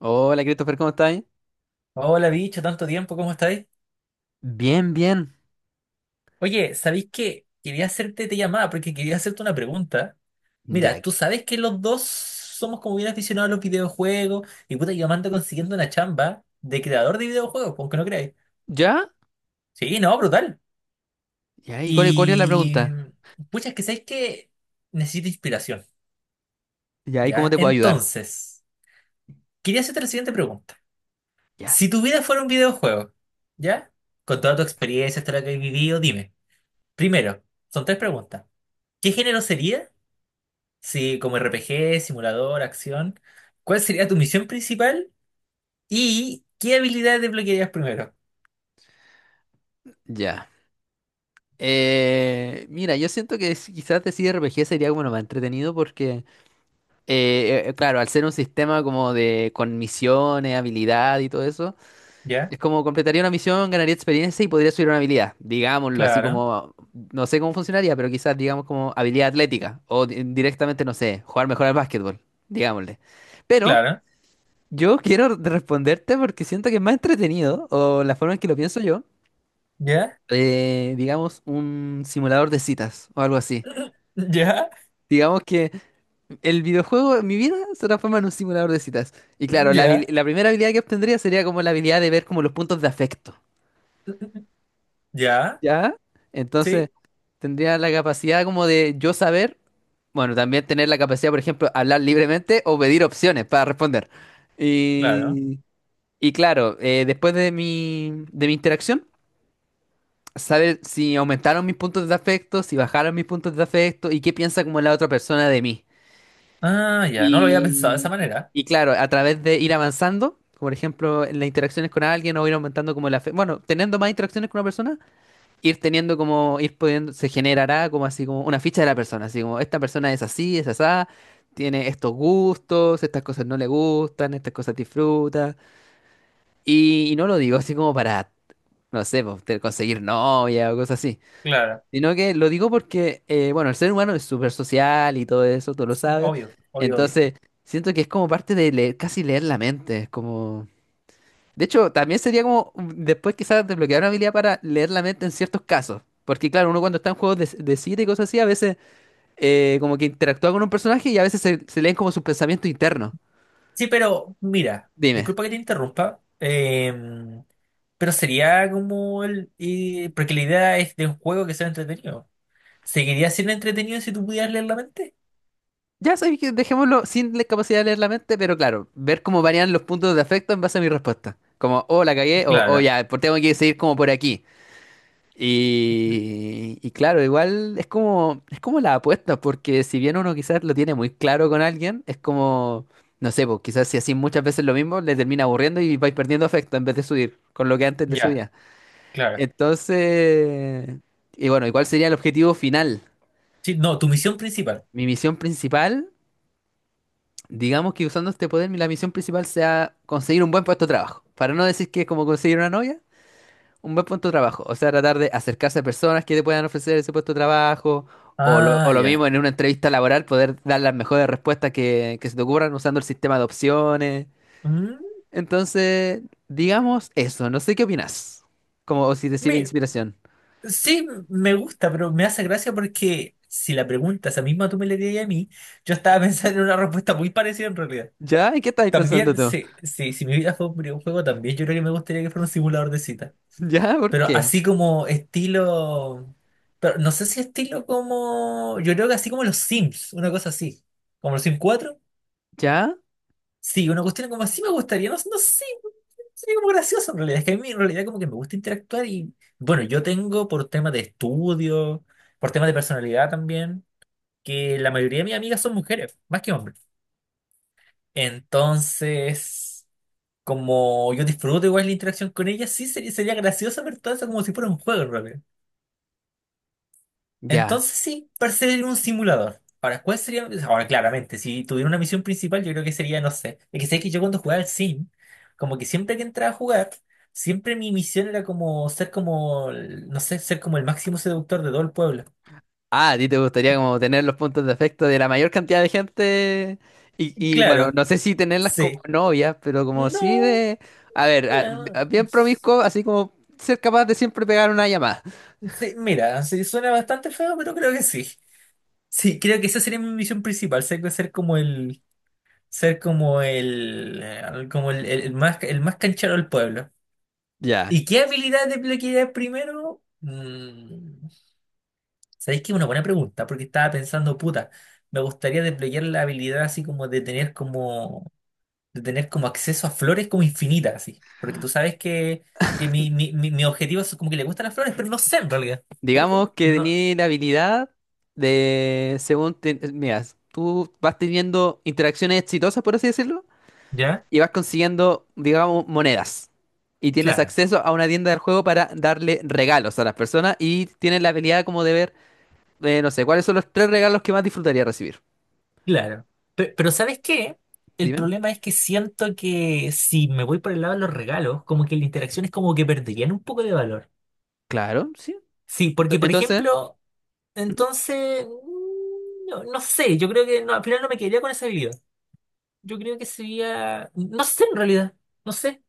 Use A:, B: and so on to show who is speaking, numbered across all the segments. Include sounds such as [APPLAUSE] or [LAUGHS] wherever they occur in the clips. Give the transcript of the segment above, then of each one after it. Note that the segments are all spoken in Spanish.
A: Hola, Christopher, ¿cómo estás?
B: Hola, bicho, tanto tiempo, ¿cómo estáis?
A: Bien, bien.
B: Oye, ¿sabéis qué? Quería hacerte te llamada porque quería hacerte una pregunta. Mira,
A: Ya.
B: tú sabes que los dos somos como bien aficionados a los videojuegos y puta, yo me ando consiguiendo una chamba de creador de videojuegos, pues, aunque no creáis.
A: ¿Ya?
B: Sí, no, brutal.
A: Ya, ¿y cuál es la
B: Y
A: pregunta?
B: pucha, es que sabéis que necesito inspiración,
A: Ya, ¿y cómo
B: ¿ya?
A: te puedo ayudar?
B: Entonces, quería hacerte la siguiente pregunta.
A: Ya.
B: Si tu vida fuera un videojuego, ¿ya? Con toda tu experiencia, hasta la que has vivido, dime. Primero, son tres preguntas. ¿Qué género sería? Sí, como RPG, simulador, acción. ¿Cuál sería tu misión principal? ¿Y qué habilidades desbloquearías primero?
A: Ya. Mira, yo siento que quizás decir RPG sería como lo más entretenido porque, claro, al ser un sistema como de con misiones, habilidad y todo eso,
B: Ya,
A: es como completaría una misión, ganaría experiencia y podría subir una habilidad, digámoslo, así
B: claro,
A: como, no sé cómo funcionaría, pero quizás digamos como habilidad atlética o directamente, no sé, jugar mejor al básquetbol, digámosle. Pero...
B: claro,
A: Yo quiero responderte porque siento que es más entretenido, o la forma en que lo pienso yo,
B: ya,
A: digamos, un simulador de citas o algo así.
B: [LAUGHS] ya,
A: Digamos que el videojuego en mi vida se transforma en un simulador de citas. Y claro,
B: ya,
A: la primera habilidad que obtendría sería como la habilidad de ver como los puntos de afecto,
B: ya,
A: ¿ya? Entonces,
B: sí,
A: tendría la capacidad como de yo saber, bueno, también tener la capacidad, por ejemplo, hablar libremente o pedir opciones para responder.
B: claro.
A: Y, y claro, después de de mi interacción. Saber si aumentaron mis puntos de afecto, si bajaron mis puntos de afecto y qué piensa como la otra persona de mí.
B: Ah, ya, no lo había pensado de esa manera.
A: Y claro, a través de ir avanzando, como por ejemplo en las interacciones con alguien o ir aumentando como la afecto, bueno, teniendo más interacciones con una persona, ir teniendo como, ir pudiendo, se generará como así como una ficha de la persona, así como esta persona es así, es asá, tiene estos gustos, estas cosas no le gustan, estas cosas disfruta. Y no lo digo así como para, no sé, pues, conseguir novia o cosas así.
B: Claro,
A: Sino que lo digo porque, bueno, el ser humano es súper social y todo eso, tú lo sabes.
B: obvio, obvio, obvio.
A: Entonces, siento que es como parte de leer, casi leer la mente. Es como... De hecho, también sería como después quizás desbloquear una habilidad para leer la mente en ciertos casos. Porque claro, uno cuando está en juegos de cita y cosas así, a veces como que interactúa con un personaje y a veces se leen como sus pensamientos internos.
B: Sí, pero mira,
A: Dime.
B: disculpa que te interrumpa, pero sería como el... porque la idea es de un juego que sea entretenido. ¿Seguiría siendo entretenido si tú pudieras leer la mente?
A: Ya sabéis que dejémoslo sin la capacidad de leer la mente, pero claro, ver cómo varían los puntos de afecto en base a mi respuesta. Como, oh, la cagué, o oh,
B: Claro,
A: ya, pues tengo que seguir como por aquí. Y claro, igual es como la apuesta, porque si bien uno quizás lo tiene muy claro con alguien, es como, no sé, pues quizás si así muchas veces lo mismo, le termina aburriendo y vais perdiendo afecto en vez de subir, con lo que antes le
B: ya,
A: subía.
B: claro.
A: Entonces, y bueno, igual sería el objetivo final.
B: Sí, no, tu misión principal.
A: Mi misión principal, digamos que usando este poder, la misión principal sea conseguir un buen puesto de trabajo. Para no decir que es como conseguir una novia. Un buen puesto de trabajo, o sea, tratar de acercarse a personas que te puedan ofrecer ese puesto de trabajo, o
B: Ah,
A: lo mismo
B: ya.
A: en una entrevista laboral, poder dar las mejores respuestas que se te ocurran usando el sistema de opciones.
B: Mm,
A: Entonces, digamos eso, no sé qué opinas, como o si te sirve de
B: me-
A: inspiración.
B: sí, me gusta, pero me hace gracia porque si la pregunta esa misma tú me la dirías a mí, yo estaba [LAUGHS] pensando en una respuesta muy parecida en realidad.
A: ¿Ya? ¿Y qué estáis pensando
B: También,
A: tú?
B: sí, sí, si mi vida fue un videojuego, también yo creo que me gustaría que fuera un simulador de cita.
A: [LAUGHS] ¿Ya? ¿Por
B: Pero
A: qué?
B: así como estilo... Pero no sé si estilo como... Yo creo que así como los Sims, una cosa así. Como los Sims 4.
A: ¿Ya?
B: Sí, una cuestión como así me gustaría, no, no sé, sería como gracioso en realidad, es que a mí en realidad como que me gusta interactuar y bueno, yo tengo por temas de estudio, por temas de personalidad también, que la mayoría de mis amigas son mujeres, más que hombres. Entonces, como yo disfruto igual la interacción con ellas, sí sería, sería gracioso ver todo eso como si fuera un juego, en realidad.
A: Ya.
B: Entonces sí, parecería un simulador. Ahora, ¿cuál sería? Ahora, claramente, si tuviera una misión principal, yo creo que sería, no sé. Es que sé que yo cuando jugaba al Sim, como que siempre que entraba a jugar, siempre mi misión era como ser como, no sé, ser como el máximo seductor de todo el pueblo.
A: Ah, a ti te gustaría como tener los puntos de afecto de la mayor cantidad de gente y, bueno,
B: Claro,
A: no sé si tenerlas como
B: sí.
A: novias, pero como sí
B: No,
A: de, a ver,
B: bueno,
A: bien promiscuo, así como ser capaz de siempre pegar una llamada.
B: sí, mira, sí, suena bastante feo, pero creo que sí. Sí, creo que esa sería mi misión principal, ser como el, el más canchero del pueblo.
A: Ya,
B: ¿Y qué habilidad desbloquearías primero? Mm, ¿sabéis que es una buena pregunta? Porque estaba pensando, puta, me gustaría desbloquear la habilidad así como de tener como, de tener como acceso a flores como infinitas, así. Porque tú sabes que mi objetivo es como que le gustan las flores, pero no sé en realidad.
A: digamos que
B: No,
A: tení la habilidad de, según, mira, tú vas teniendo interacciones exitosas, por así decirlo,
B: ¿ya?
A: y vas consiguiendo, digamos, monedas. Y tienes
B: Claro,
A: acceso a una tienda del juego para darle regalos a las personas y tienes la habilidad como de ver. No sé, ¿cuáles son los tres regalos que más disfrutaría recibir?
B: claro. Pero ¿sabes qué? El
A: Dime.
B: problema es que siento que si me voy por el lado de los regalos, como que la interacción es como que perderían un poco de valor.
A: Claro, sí.
B: Sí, porque por
A: Entonces,
B: ejemplo...
A: ujú,
B: Entonces, mm, no, no sé, yo creo que no, al final no me quedaría con esa bebida. Yo creo que sería, no sé en realidad, no sé.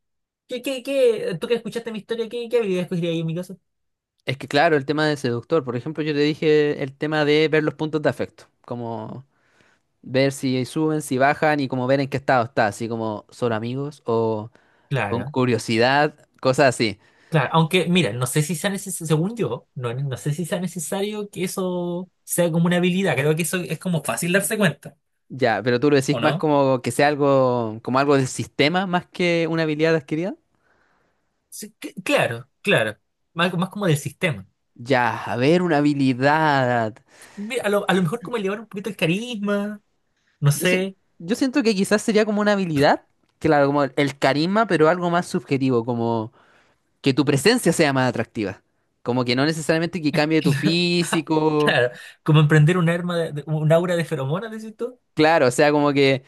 B: ¿Qué? Tú que escuchaste mi historia, ¿qué bebida escogería yo en mi caso?
A: es que claro, el tema de seductor, por ejemplo, yo te dije el tema de ver los puntos de afecto, como ver si suben, si bajan y como ver en qué estado está, así como son amigos o con
B: Claro,
A: curiosidad, cosas así.
B: claro. Aunque, mira, no sé si sea necesario, según yo, no, no sé si sea necesario que eso sea como una habilidad. Creo que eso es como fácil darse cuenta,
A: Ya, pero tú lo decís
B: ¿o
A: más
B: no?
A: como que sea algo, como algo del sistema más que una habilidad adquirida.
B: Sí, claro, claro. Más, más como del sistema.
A: Ya, a ver, una habilidad.
B: Mira, a lo mejor como elevar un poquito el carisma, no
A: Yo, sien-
B: sé.
A: yo siento que quizás sería como una habilidad, claro, como el carisma, pero algo más subjetivo, como que tu presencia sea más atractiva. Como que no necesariamente que cambie tu
B: [LAUGHS]
A: físico,
B: Claro, como emprender un arma un aura de feromonas, decís tú.
A: claro, o sea, como que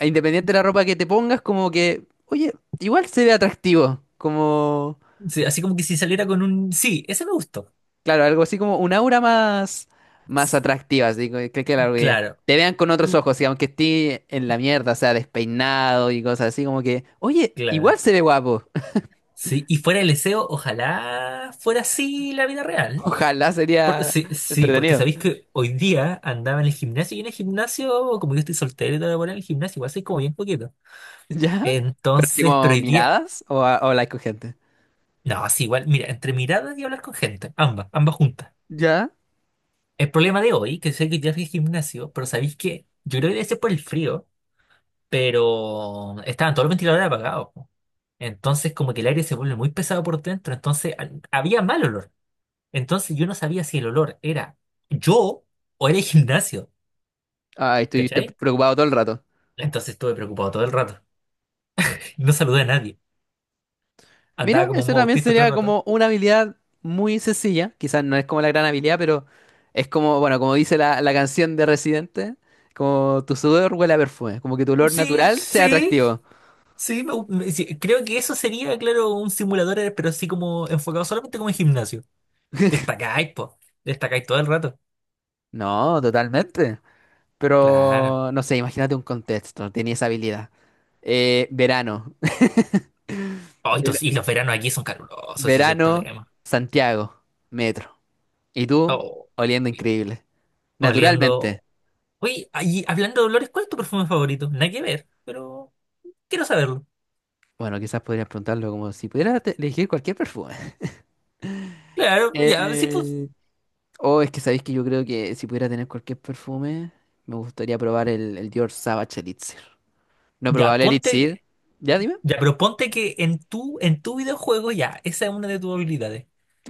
A: independiente de la ropa que te pongas, como que, oye, igual se ve atractivo, como,
B: Sí, así como que si saliera con un. Sí, ese me gustó.
A: claro, algo así como un aura más, más atractiva, así que, que, claro, que
B: Claro,
A: te vean con otros ojos, y aunque esté en la mierda, o sea, despeinado y cosas así, como que, oye, igual
B: claro.
A: se ve guapo.
B: Sí, y fuera el deseo, ojalá fuera así la vida real.
A: Ojalá sería
B: Sí, sí, porque
A: entretenido.
B: sabéis
A: [LAUGHS]
B: que hoy día andaba en el gimnasio y en el gimnasio, como yo estoy soltero y todo, bueno, en el gimnasio igual soy como bien poquito.
A: ¿Ya? Pero así
B: Entonces, pero
A: como
B: hoy día,
A: miradas o, o like con gente.
B: no, sí, igual, mira, entre miradas y hablar con gente, ambas, ambas juntas.
A: ¿Ya?
B: El problema de hoy, que sé que ya fui al gimnasio, pero ¿sabéis qué? Yo creo que debe ser por el frío, pero estaban todos los ventiladores apagados. Po. Entonces como que el aire se vuelve muy pesado por dentro, había mal olor. Entonces yo no sabía si el olor era yo o era el gimnasio,
A: Ay, estuviste
B: ¿cachai?
A: preocupado todo el rato.
B: Entonces estuve preocupado todo el rato. [LAUGHS] No saludé a nadie.
A: Mira,
B: Andaba como un
A: eso también
B: autista todo el
A: sería
B: rato.
A: como una habilidad muy sencilla. Quizás no es como la gran habilidad, pero es como, bueno, como dice la canción de Residente, como tu sudor huele a perfume, como que tu olor
B: Sí,
A: natural sea
B: sí,
A: atractivo.
B: sí, sí, creo que eso sería, claro, un simulador, pero así como enfocado solamente como en gimnasio. Destacáis, po. Destacáis todo el rato.
A: No, totalmente.
B: Claro.
A: Pero, no sé, imagínate un contexto, tenía esa habilidad. Verano.
B: Oh, y, y
A: [LAUGHS]
B: los veranos aquí son calurosos, ese es el
A: Verano,
B: problema.
A: Santiago, metro. Y tú,
B: Oh,
A: oliendo increíble. Naturalmente.
B: oliendo. Oye, ahí, hablando de olores, ¿cuál es tu perfume favorito? Nada que ver, pero quiero saberlo.
A: Bueno, quizás podrías preguntarlo como si pudiera elegir cualquier perfume.
B: Claro, ya, sí, pues.
A: Eh, oh, es que sabéis que yo creo que si pudiera tener cualquier perfume, me gustaría probar el Dior Sauvage Elixir. No
B: Ya,
A: probable
B: ponte.
A: Elixir.
B: Que-
A: Ya dime.
B: Ya, pero ponte que en tu videojuego, ya, esa es una de tus habilidades.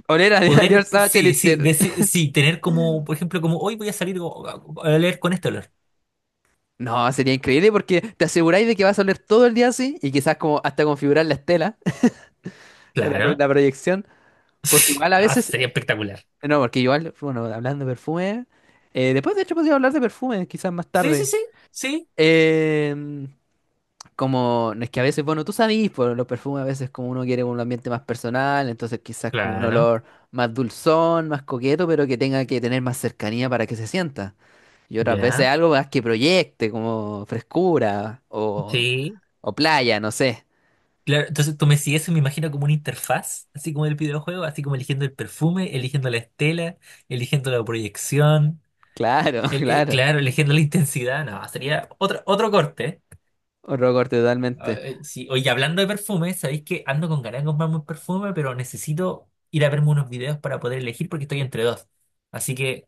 A: Oler a [LAUGHS] Dior
B: Poder, pues,
A: Sauvage
B: sí, sí,
A: Elixir.
B: sí, sí, tener como, por ejemplo, como hoy voy a salir a oler con este olor.
A: No, sería increíble porque te aseguráis de que vas a oler todo el día así y quizás como hasta configurar la estela, [LAUGHS]
B: Claro.
A: la proyección. Porque
B: [LAUGHS]
A: igual a
B: Ah,
A: veces.
B: sería espectacular.
A: No, porque igual, bueno, hablando de perfume, después de hecho podría hablar de perfumes, quizás más
B: Sí, sí,
A: tarde.
B: sí, sí,
A: Em, Como, no es que a veces, bueno, tú sabes, por los perfumes a veces como uno quiere un ambiente más personal, entonces quizás como un
B: claro.
A: olor más dulzón, más coqueto, pero que tenga que tener más cercanía para que se sienta. Y otras veces
B: Ya,
A: algo más que proyecte, como frescura
B: sí.
A: o playa, no sé.
B: Claro, entonces tú me sigues y me imagino como una interfaz, así como el videojuego, así como eligiendo el perfume, eligiendo la estela, eligiendo la proyección,
A: Claro, [LAUGHS] claro.
B: claro, eligiendo la intensidad, no, sería otro, otro corte.
A: Otro corte
B: Ah,
A: totalmente.
B: sí, oye, hablando de perfume, sabéis que ando con ganas de comprarme un perfume, pero necesito ir a verme unos videos para poder elegir porque estoy entre dos. Así que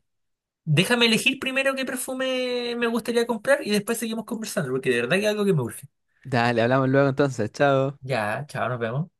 B: déjame elegir primero qué perfume me gustaría comprar y después seguimos conversando, porque de verdad que es algo que me urge.
A: Dale, hablamos luego entonces, chao.
B: Ya, chao, nos vemos.